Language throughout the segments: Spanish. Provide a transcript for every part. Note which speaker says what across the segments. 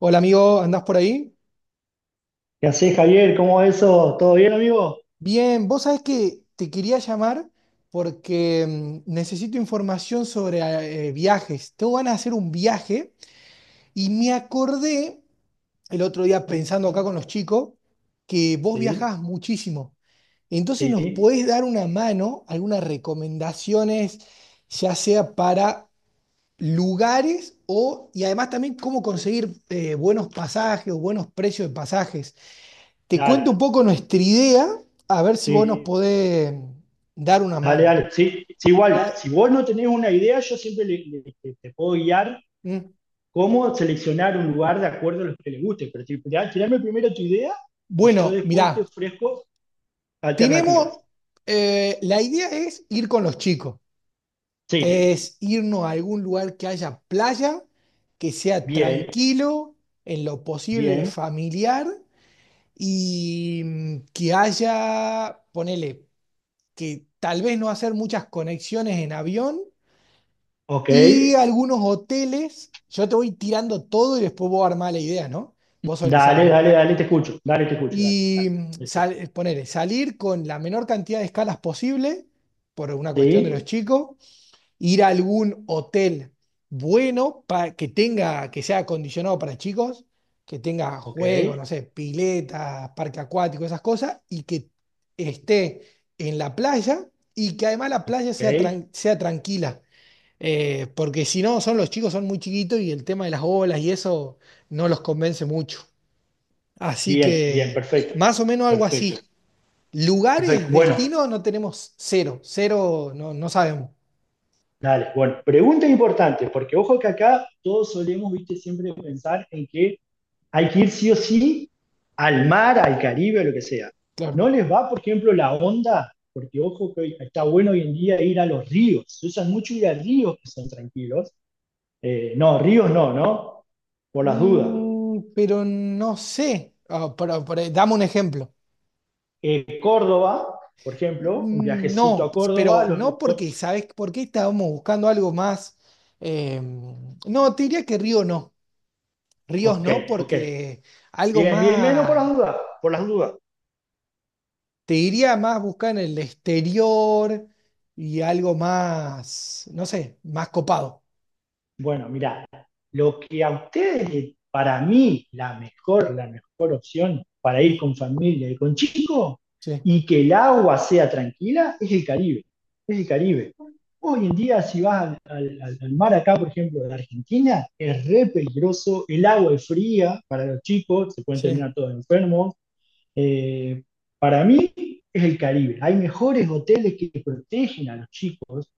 Speaker 1: Hola amigo, ¿andás por ahí?
Speaker 2: ¿Qué haces, Javier? ¿Cómo va eso? ¿Todo bien, amigo?
Speaker 1: Bien, vos sabés que te quería llamar porque necesito información sobre viajes. Tengo ganas de hacer un viaje y me acordé el otro día pensando acá con los chicos que vos
Speaker 2: Sí,
Speaker 1: viajás muchísimo. Entonces nos
Speaker 2: sí,
Speaker 1: podés dar una mano, algunas recomendaciones, ya sea para lugares o, y además también cómo conseguir buenos pasajes o buenos precios de pasajes. Te
Speaker 2: dale,
Speaker 1: cuento un poco nuestra idea, a ver si vos nos
Speaker 2: sí,
Speaker 1: podés dar una
Speaker 2: dale,
Speaker 1: mano.
Speaker 2: dale. Sí, sí, igual,
Speaker 1: La-
Speaker 2: si vos no tenés una idea, yo siempre te puedo guiar
Speaker 1: Mm.
Speaker 2: cómo seleccionar un lugar de acuerdo a lo que le guste, pero tirame primero tu idea y yo
Speaker 1: Bueno,
Speaker 2: después te
Speaker 1: mirá,
Speaker 2: ofrezco
Speaker 1: tenemos,
Speaker 2: alternativas.
Speaker 1: la idea es ir con los chicos,
Speaker 2: Sí,
Speaker 1: es irnos a algún lugar que haya playa, que sea
Speaker 2: bien,
Speaker 1: tranquilo, en lo posible
Speaker 2: bien,
Speaker 1: familiar y que haya, ponele, que tal vez no hacer muchas conexiones en avión.
Speaker 2: ok,
Speaker 1: Y algunos hoteles, yo te voy tirando todo y después vos armás la idea, ¿no? Vos sos el que
Speaker 2: dale,
Speaker 1: sabes.
Speaker 2: dale, dale, te escucho, dale, te escucho, dale,
Speaker 1: Y
Speaker 2: dale.
Speaker 1: ponele, salir con la menor cantidad de escalas posible, por una cuestión de los
Speaker 2: Sí,
Speaker 1: chicos, ir a algún hotel bueno que tenga, que sea acondicionado para chicos, que tenga
Speaker 2: ok,
Speaker 1: juegos, no sé, piletas, parque acuático, esas cosas, y que esté en la playa y que además la playa
Speaker 2: ok,
Speaker 1: sea, sea tranquila, porque si no, son los chicos, son muy chiquitos y el tema de las olas y eso no los convence mucho. Así
Speaker 2: bien, bien,
Speaker 1: que
Speaker 2: perfecto.
Speaker 1: más o menos algo
Speaker 2: Perfecto.
Speaker 1: así. Lugares,
Speaker 2: Perfecto. Bueno,
Speaker 1: destinos no tenemos, cero. Cero, no, no sabemos.
Speaker 2: dale. Bueno, pregunta importante, porque ojo que acá todos solemos, viste, siempre pensar en que hay que ir sí o sí al mar, al Caribe, lo que sea. ¿No
Speaker 1: Claro.
Speaker 2: les va, por ejemplo, la onda? Porque ojo que está bueno hoy en día ir a los ríos. Se usan mucho ir a ríos que son tranquilos. No, ríos no, ¿no? Por las dudas.
Speaker 1: Mm, pero no sé. Ah, pero dame un ejemplo.
Speaker 2: Córdoba, por ejemplo, un
Speaker 1: Mm,
Speaker 2: viajecito
Speaker 1: no,
Speaker 2: a Córdoba,
Speaker 1: pero
Speaker 2: los ríos.
Speaker 1: no porque, ¿sabes por qué estábamos buscando algo más? eh, no, te diría que río no. Ríos
Speaker 2: Ok,
Speaker 1: no,
Speaker 2: ok.
Speaker 1: porque algo
Speaker 2: Bien, bien, bien, no por las
Speaker 1: más.
Speaker 2: dudas, por las dudas.
Speaker 1: Te diría más buscar en el exterior y algo más, no sé, más copado.
Speaker 2: Bueno, mira, lo que a ustedes, para mí, la mejor opción para
Speaker 1: Mm,
Speaker 2: ir con familia y con chicos
Speaker 1: sí,
Speaker 2: y que el agua sea tranquila es el Caribe, es el Caribe. Hoy en día, si vas al mar acá, por ejemplo, de Argentina, es re peligroso, el agua es fría para los chicos, se pueden
Speaker 1: sí.
Speaker 2: terminar todos enfermos, eh, para mí es el Caribe. Hay mejores hoteles que protegen a los chicos.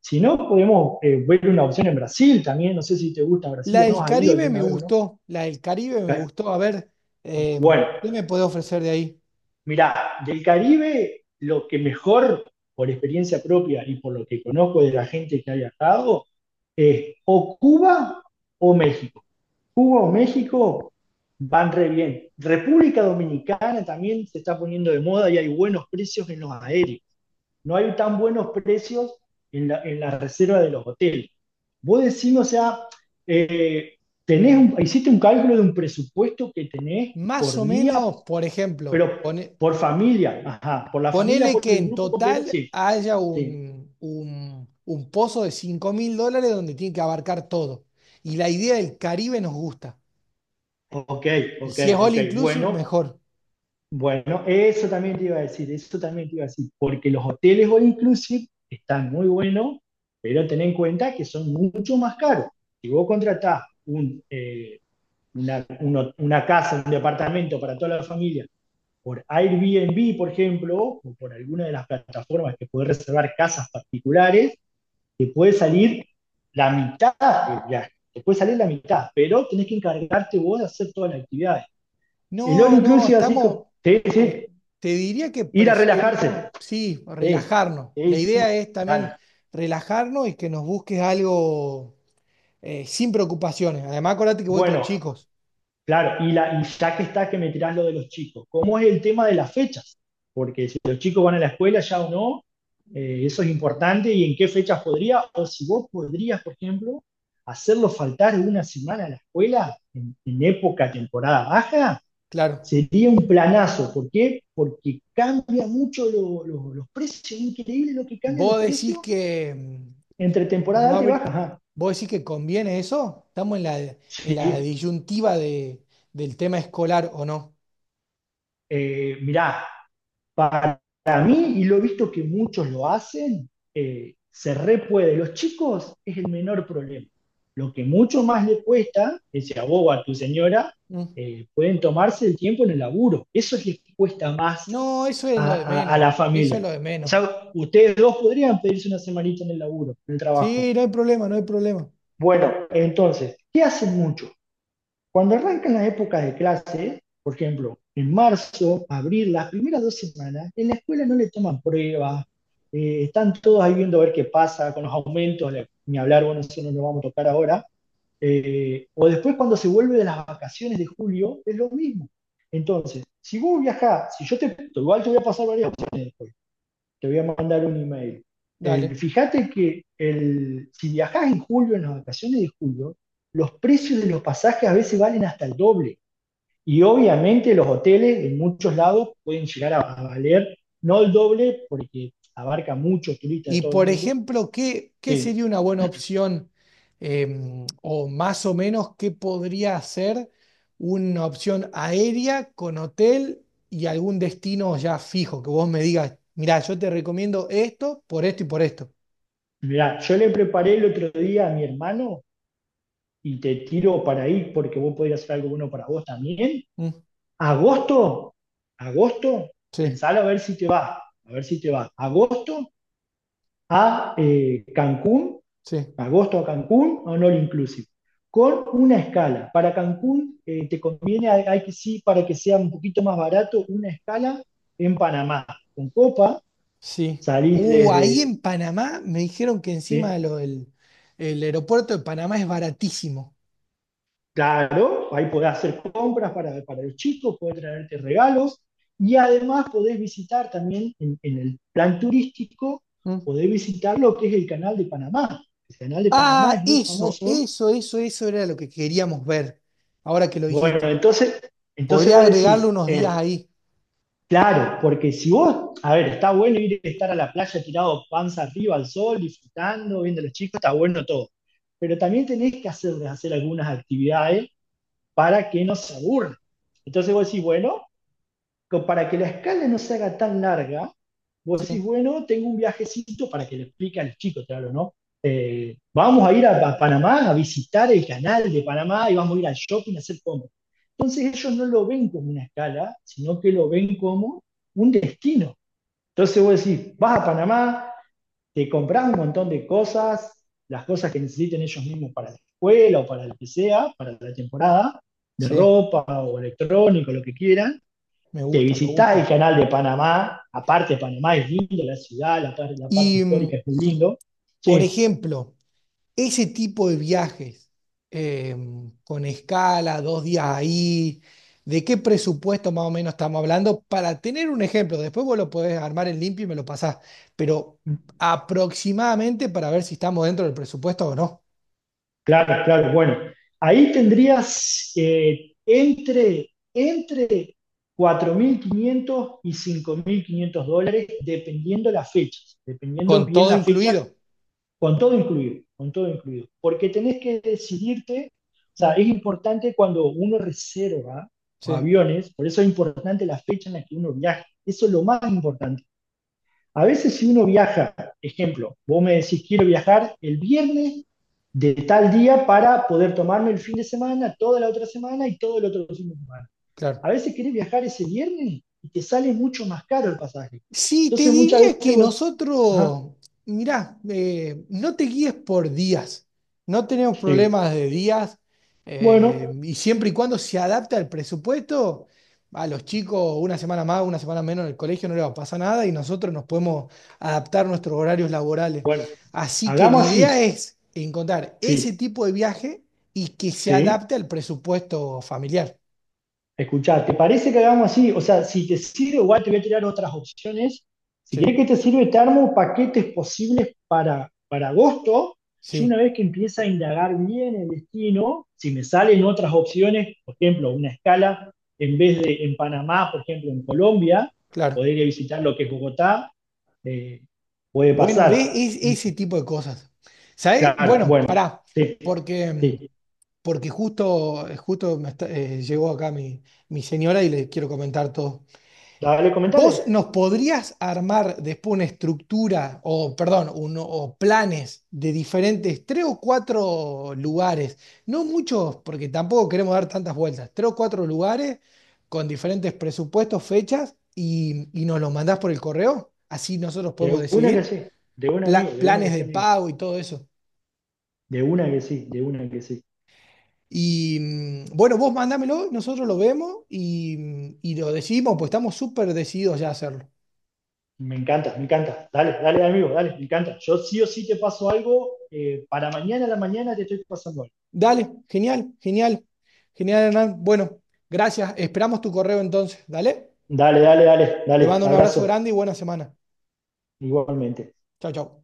Speaker 2: Si no, podemos ver una opción en Brasil también. No sé si te gusta
Speaker 1: La
Speaker 2: Brasil o no,
Speaker 1: del
Speaker 2: has ido
Speaker 1: Caribe me
Speaker 2: alguna vez o no.
Speaker 1: gustó, la del Caribe me gustó. A ver,
Speaker 2: Bueno,
Speaker 1: ¿qué me puede ofrecer de ahí?
Speaker 2: mirá, del Caribe lo que mejor, por experiencia propia y por lo que conozco de la gente que ha viajado, es o Cuba o México. Cuba o México van re bien. República Dominicana también se está poniendo de moda y hay buenos precios en los aéreos. No hay tan buenos precios en la reserva de los hoteles. Vos decís, o sea, eh,
Speaker 1: Mm,
Speaker 2: hiciste un cálculo de un presupuesto que tenés
Speaker 1: más
Speaker 2: por
Speaker 1: o
Speaker 2: día,
Speaker 1: menos, por
Speaker 2: pero
Speaker 1: ejemplo,
Speaker 2: por familia, ajá, por la familia,
Speaker 1: ponele
Speaker 2: por
Speaker 1: que
Speaker 2: el
Speaker 1: en
Speaker 2: grupo completo,
Speaker 1: total
Speaker 2: sí,
Speaker 1: haya
Speaker 2: sí.
Speaker 1: un pozo de 5.000 dólares donde tiene que abarcar todo. Y la idea del Caribe nos gusta.
Speaker 2: Ok,
Speaker 1: Y
Speaker 2: ok,
Speaker 1: si es
Speaker 2: ok,
Speaker 1: all inclusive,
Speaker 2: bueno,
Speaker 1: mejor.
Speaker 2: bueno, eso también te iba a decir, eso también te iba a decir, porque los hoteles all inclusive están muy buenos, pero ten en cuenta que son mucho más caros. Si vos contratás una casa, un departamento para toda la familia por Airbnb, por ejemplo, o por alguna de las plataformas que puede reservar casas particulares, te puede salir la mitad, ya, te puede salir la mitad, pero tenés que encargarte vos de hacer todas las actividades. El all
Speaker 1: No, no,
Speaker 2: inclusive, así como,
Speaker 1: estamos,
Speaker 2: sí,
Speaker 1: eh,
Speaker 2: sí,
Speaker 1: te diría que
Speaker 2: ir a
Speaker 1: preferimos,
Speaker 2: relajarse,
Speaker 1: sí,
Speaker 2: sí,
Speaker 1: relajarnos. La
Speaker 2: sí,
Speaker 1: idea
Speaker 2: sí,
Speaker 1: es también
Speaker 2: dale.
Speaker 1: relajarnos y que nos busques algo sin preocupaciones. Además, acordate que voy con
Speaker 2: Bueno,
Speaker 1: chicos,
Speaker 2: claro, y ya que está que me tirás lo de los chicos, ¿cómo es el tema de las fechas? Porque si los chicos van a la escuela ya o no, eso es importante y en qué fechas podría, o si vos podrías, por ejemplo, hacerlo faltar una semana a la escuela en época temporada baja,
Speaker 1: claro.
Speaker 2: sería un planazo. ¿Por qué? Porque cambia mucho los precios, increíble lo que cambian los
Speaker 1: Vos decís
Speaker 2: precios
Speaker 1: que mm,
Speaker 2: entre temporada
Speaker 1: no
Speaker 2: alta y
Speaker 1: habr-
Speaker 2: baja. Ajá.
Speaker 1: Vos decís que conviene eso. Estamos en la
Speaker 2: Sí,
Speaker 1: disyuntiva de, del tema escolar o no.
Speaker 2: mirá, para mí, y lo he visto que muchos lo hacen, se re puede. Los chicos es el menor problema. Lo que mucho más le cuesta, que sea vos o a tu señora,
Speaker 1: Mm.
Speaker 2: pueden tomarse el tiempo en el laburo. Eso es lo que cuesta más
Speaker 1: No, eso es
Speaker 2: a,
Speaker 1: lo de
Speaker 2: a, a, la
Speaker 1: menos, eso es
Speaker 2: familia.
Speaker 1: lo de
Speaker 2: O
Speaker 1: menos.
Speaker 2: sea, ustedes dos podrían pedirse una semanita en el laburo, en el trabajo.
Speaker 1: Sí, no hay problema, no hay problema.
Speaker 2: Bueno, entonces, ¿qué hacen mucho? Cuando arrancan las épocas de clase, por ejemplo, en marzo, abril, las primeras dos semanas, en la escuela no le toman pruebas, están todos ahí viendo a ver qué pasa con los aumentos, ni hablar, bueno, eso no lo vamos a tocar ahora. O después cuando se vuelve de las vacaciones de julio, es lo mismo. Entonces, si vos viajás, si yo te, igual te voy a pasar varias opciones, te voy a mandar un email.
Speaker 1: Dale.
Speaker 2: Fíjate que si viajás en julio, en las vacaciones de julio, los precios de los pasajes a veces valen hasta el doble. Y obviamente los hoteles en muchos lados pueden llegar a valer, no el doble, porque abarca muchos turistas de
Speaker 1: Y
Speaker 2: todo el
Speaker 1: por
Speaker 2: mundo.
Speaker 1: ejemplo, ¿qué, qué
Speaker 2: Sí.
Speaker 1: sería una buena opción, o más o menos qué podría ser una opción aérea con hotel y algún destino ya fijo? Que vos me digas, mirá, yo te recomiendo esto por esto y por esto.
Speaker 2: Mirá, yo le preparé el otro día a mi hermano y te tiro para ahí porque vos podés hacer algo bueno para vos también.
Speaker 1: Mm,
Speaker 2: Agosto, agosto,
Speaker 1: sí,
Speaker 2: pensalo a ver si te va, a ver si te va. Agosto a Cancún,
Speaker 1: sí,
Speaker 2: agosto a Cancún, o no all inclusive, con una escala. Para Cancún te conviene, hay que sí, para que sea un poquito más barato, una escala en Panamá. Con Copa
Speaker 1: sí.
Speaker 2: salís
Speaker 1: Ahí en Panamá me dijeron que encima
Speaker 2: de-
Speaker 1: de lo del el aeropuerto de Panamá es baratísimo.
Speaker 2: claro, ahí podés hacer compras para los chicos, podés traerte regalos y además podés visitar también en el plan turístico,
Speaker 1: Mm.
Speaker 2: podés visitar lo que es el canal de Panamá. El canal de Panamá
Speaker 1: Ah,
Speaker 2: es muy
Speaker 1: eso,
Speaker 2: famoso.
Speaker 1: eso, eso, eso era lo que queríamos ver, ahora que lo
Speaker 2: Bueno,
Speaker 1: dijiste.
Speaker 2: entonces,
Speaker 1: Podría
Speaker 2: vos
Speaker 1: agregarle
Speaker 2: decís,
Speaker 1: unos días ahí.
Speaker 2: claro, porque si vos, a ver, está bueno ir a estar a la playa tirado panza arriba al sol, disfrutando, viendo a los chicos, está bueno todo. Pero también tenés que hacerles hacer algunas actividades para que no se aburran. Entonces vos decís, bueno, para que la escala no se haga tan larga, vos decís,
Speaker 1: Sí,
Speaker 2: bueno, tengo un viajecito para que le explique a los chicos, claro, ¿no? Vamos a ir a Panamá a visitar el canal de Panamá y vamos a ir al shopping a hacer compras. Entonces ellos no lo ven como una escala, sino que lo ven como un destino. Entonces vos decís, vas a Panamá, te compras un montón de cosas, las cosas que necesiten ellos mismos para la escuela o para lo que sea, para la temporada, de
Speaker 1: sí,
Speaker 2: ropa o electrónico, lo que quieran,
Speaker 1: me
Speaker 2: te
Speaker 1: gusta, me
Speaker 2: visitás
Speaker 1: gusta.
Speaker 2: el canal de Panamá, aparte Panamá es lindo, la ciudad, la parte
Speaker 1: Y,
Speaker 2: histórica es muy lindo.
Speaker 1: por
Speaker 2: Sí,
Speaker 1: ejemplo, ese tipo de viajes, eh, con escala, 2 días ahí, ¿de qué presupuesto más o menos estamos hablando? Para tener un ejemplo, después vos lo podés armar en limpio y me lo pasás, pero aproximadamente para ver si estamos dentro del presupuesto o no,
Speaker 2: claro, claro, bueno. Ahí tendrías entre 4.500 y 5.500 dólares, dependiendo las fechas, dependiendo
Speaker 1: con
Speaker 2: bien
Speaker 1: todo
Speaker 2: la fecha.
Speaker 1: incluido.
Speaker 2: Con todo incluido, con todo incluido. Porque tenés que decidirte, o sea,
Speaker 1: Mm,
Speaker 2: es importante cuando uno reserva
Speaker 1: sí,
Speaker 2: los aviones, por eso es importante la fecha en la que uno viaja. Eso es lo más importante. A veces si uno viaja, ejemplo, vos me decís quiero viajar el viernes de tal día para poder tomarme el fin de semana, toda la otra semana y todo el otro fin de semana. A
Speaker 1: claro.
Speaker 2: veces querés viajar ese viernes y te sale mucho más caro el pasaje.
Speaker 1: Sí, te
Speaker 2: Entonces muchas
Speaker 1: diría
Speaker 2: veces
Speaker 1: que
Speaker 2: vos, ajá,
Speaker 1: nosotros, mirá, no te guíes por días, no tenemos
Speaker 2: sí.
Speaker 1: problemas de días,
Speaker 2: bueno,
Speaker 1: y siempre y cuando se adapte al presupuesto, a los chicos una semana más, una semana menos en el colegio no les va a pasar nada y nosotros nos podemos adaptar a nuestros horarios laborales.
Speaker 2: Bueno,
Speaker 1: Así que la
Speaker 2: hagamos así,
Speaker 1: idea es encontrar ese
Speaker 2: sí,
Speaker 1: tipo de viaje y que se
Speaker 2: sí.
Speaker 1: adapte al presupuesto familiar.
Speaker 2: Escuchá, ¿te parece que hagamos así? O sea, si te sirve, igual te voy a tirar otras opciones. Si querés
Speaker 1: Sí,
Speaker 2: que te sirve, te armo paquetes posibles para agosto. Yo una
Speaker 1: sí,
Speaker 2: vez que empieza a indagar bien el destino, si me salen otras opciones, por ejemplo, una escala, en vez de en Panamá, por ejemplo, en Colombia, poder
Speaker 1: claro.
Speaker 2: ir a visitar lo que es Bogotá, eh, puede
Speaker 1: Bueno,
Speaker 2: pasar.
Speaker 1: ve es, ese tipo de cosas. ¿Sabes?
Speaker 2: Claro,
Speaker 1: Bueno,
Speaker 2: bueno,
Speaker 1: pará,
Speaker 2: sí,
Speaker 1: porque, mm,
Speaker 2: sí.
Speaker 1: porque justo, justo me está-, llegó acá mi señora y le quiero comentar todo.
Speaker 2: Dale, comentale.
Speaker 1: ¿Vos nos podrías armar después una estructura, o perdón, uno, o planes de diferentes, tres o cuatro lugares? No muchos, porque tampoco queremos dar tantas vueltas. Tres o cuatro lugares con diferentes presupuestos, fechas, y nos los mandás por el correo. Así nosotros podemos
Speaker 2: De una que
Speaker 1: decidir
Speaker 2: sí, de un amigo, de una que
Speaker 1: planes
Speaker 2: sí,
Speaker 1: de
Speaker 2: amigo.
Speaker 1: pago y todo eso.
Speaker 2: De una que sí, de una que sí.
Speaker 1: Y bueno, vos mandámelo, nosotros lo vemos y y lo decimos, pues estamos súper decididos ya a hacerlo.
Speaker 2: Me encanta, me encanta. Dale, dale, amigo, dale, me encanta. Yo sí o sí te paso algo. Para mañana a la mañana te estoy pasando algo.
Speaker 1: Dale, genial, genial, genial, Hernán. Bueno, gracias. Esperamos tu correo entonces. Dale.
Speaker 2: Dale, dale, dale,
Speaker 1: Te
Speaker 2: dale.
Speaker 1: mando un abrazo
Speaker 2: Abrazo,
Speaker 1: grande y buena semana.
Speaker 2: igualmente.
Speaker 1: Chao, chao.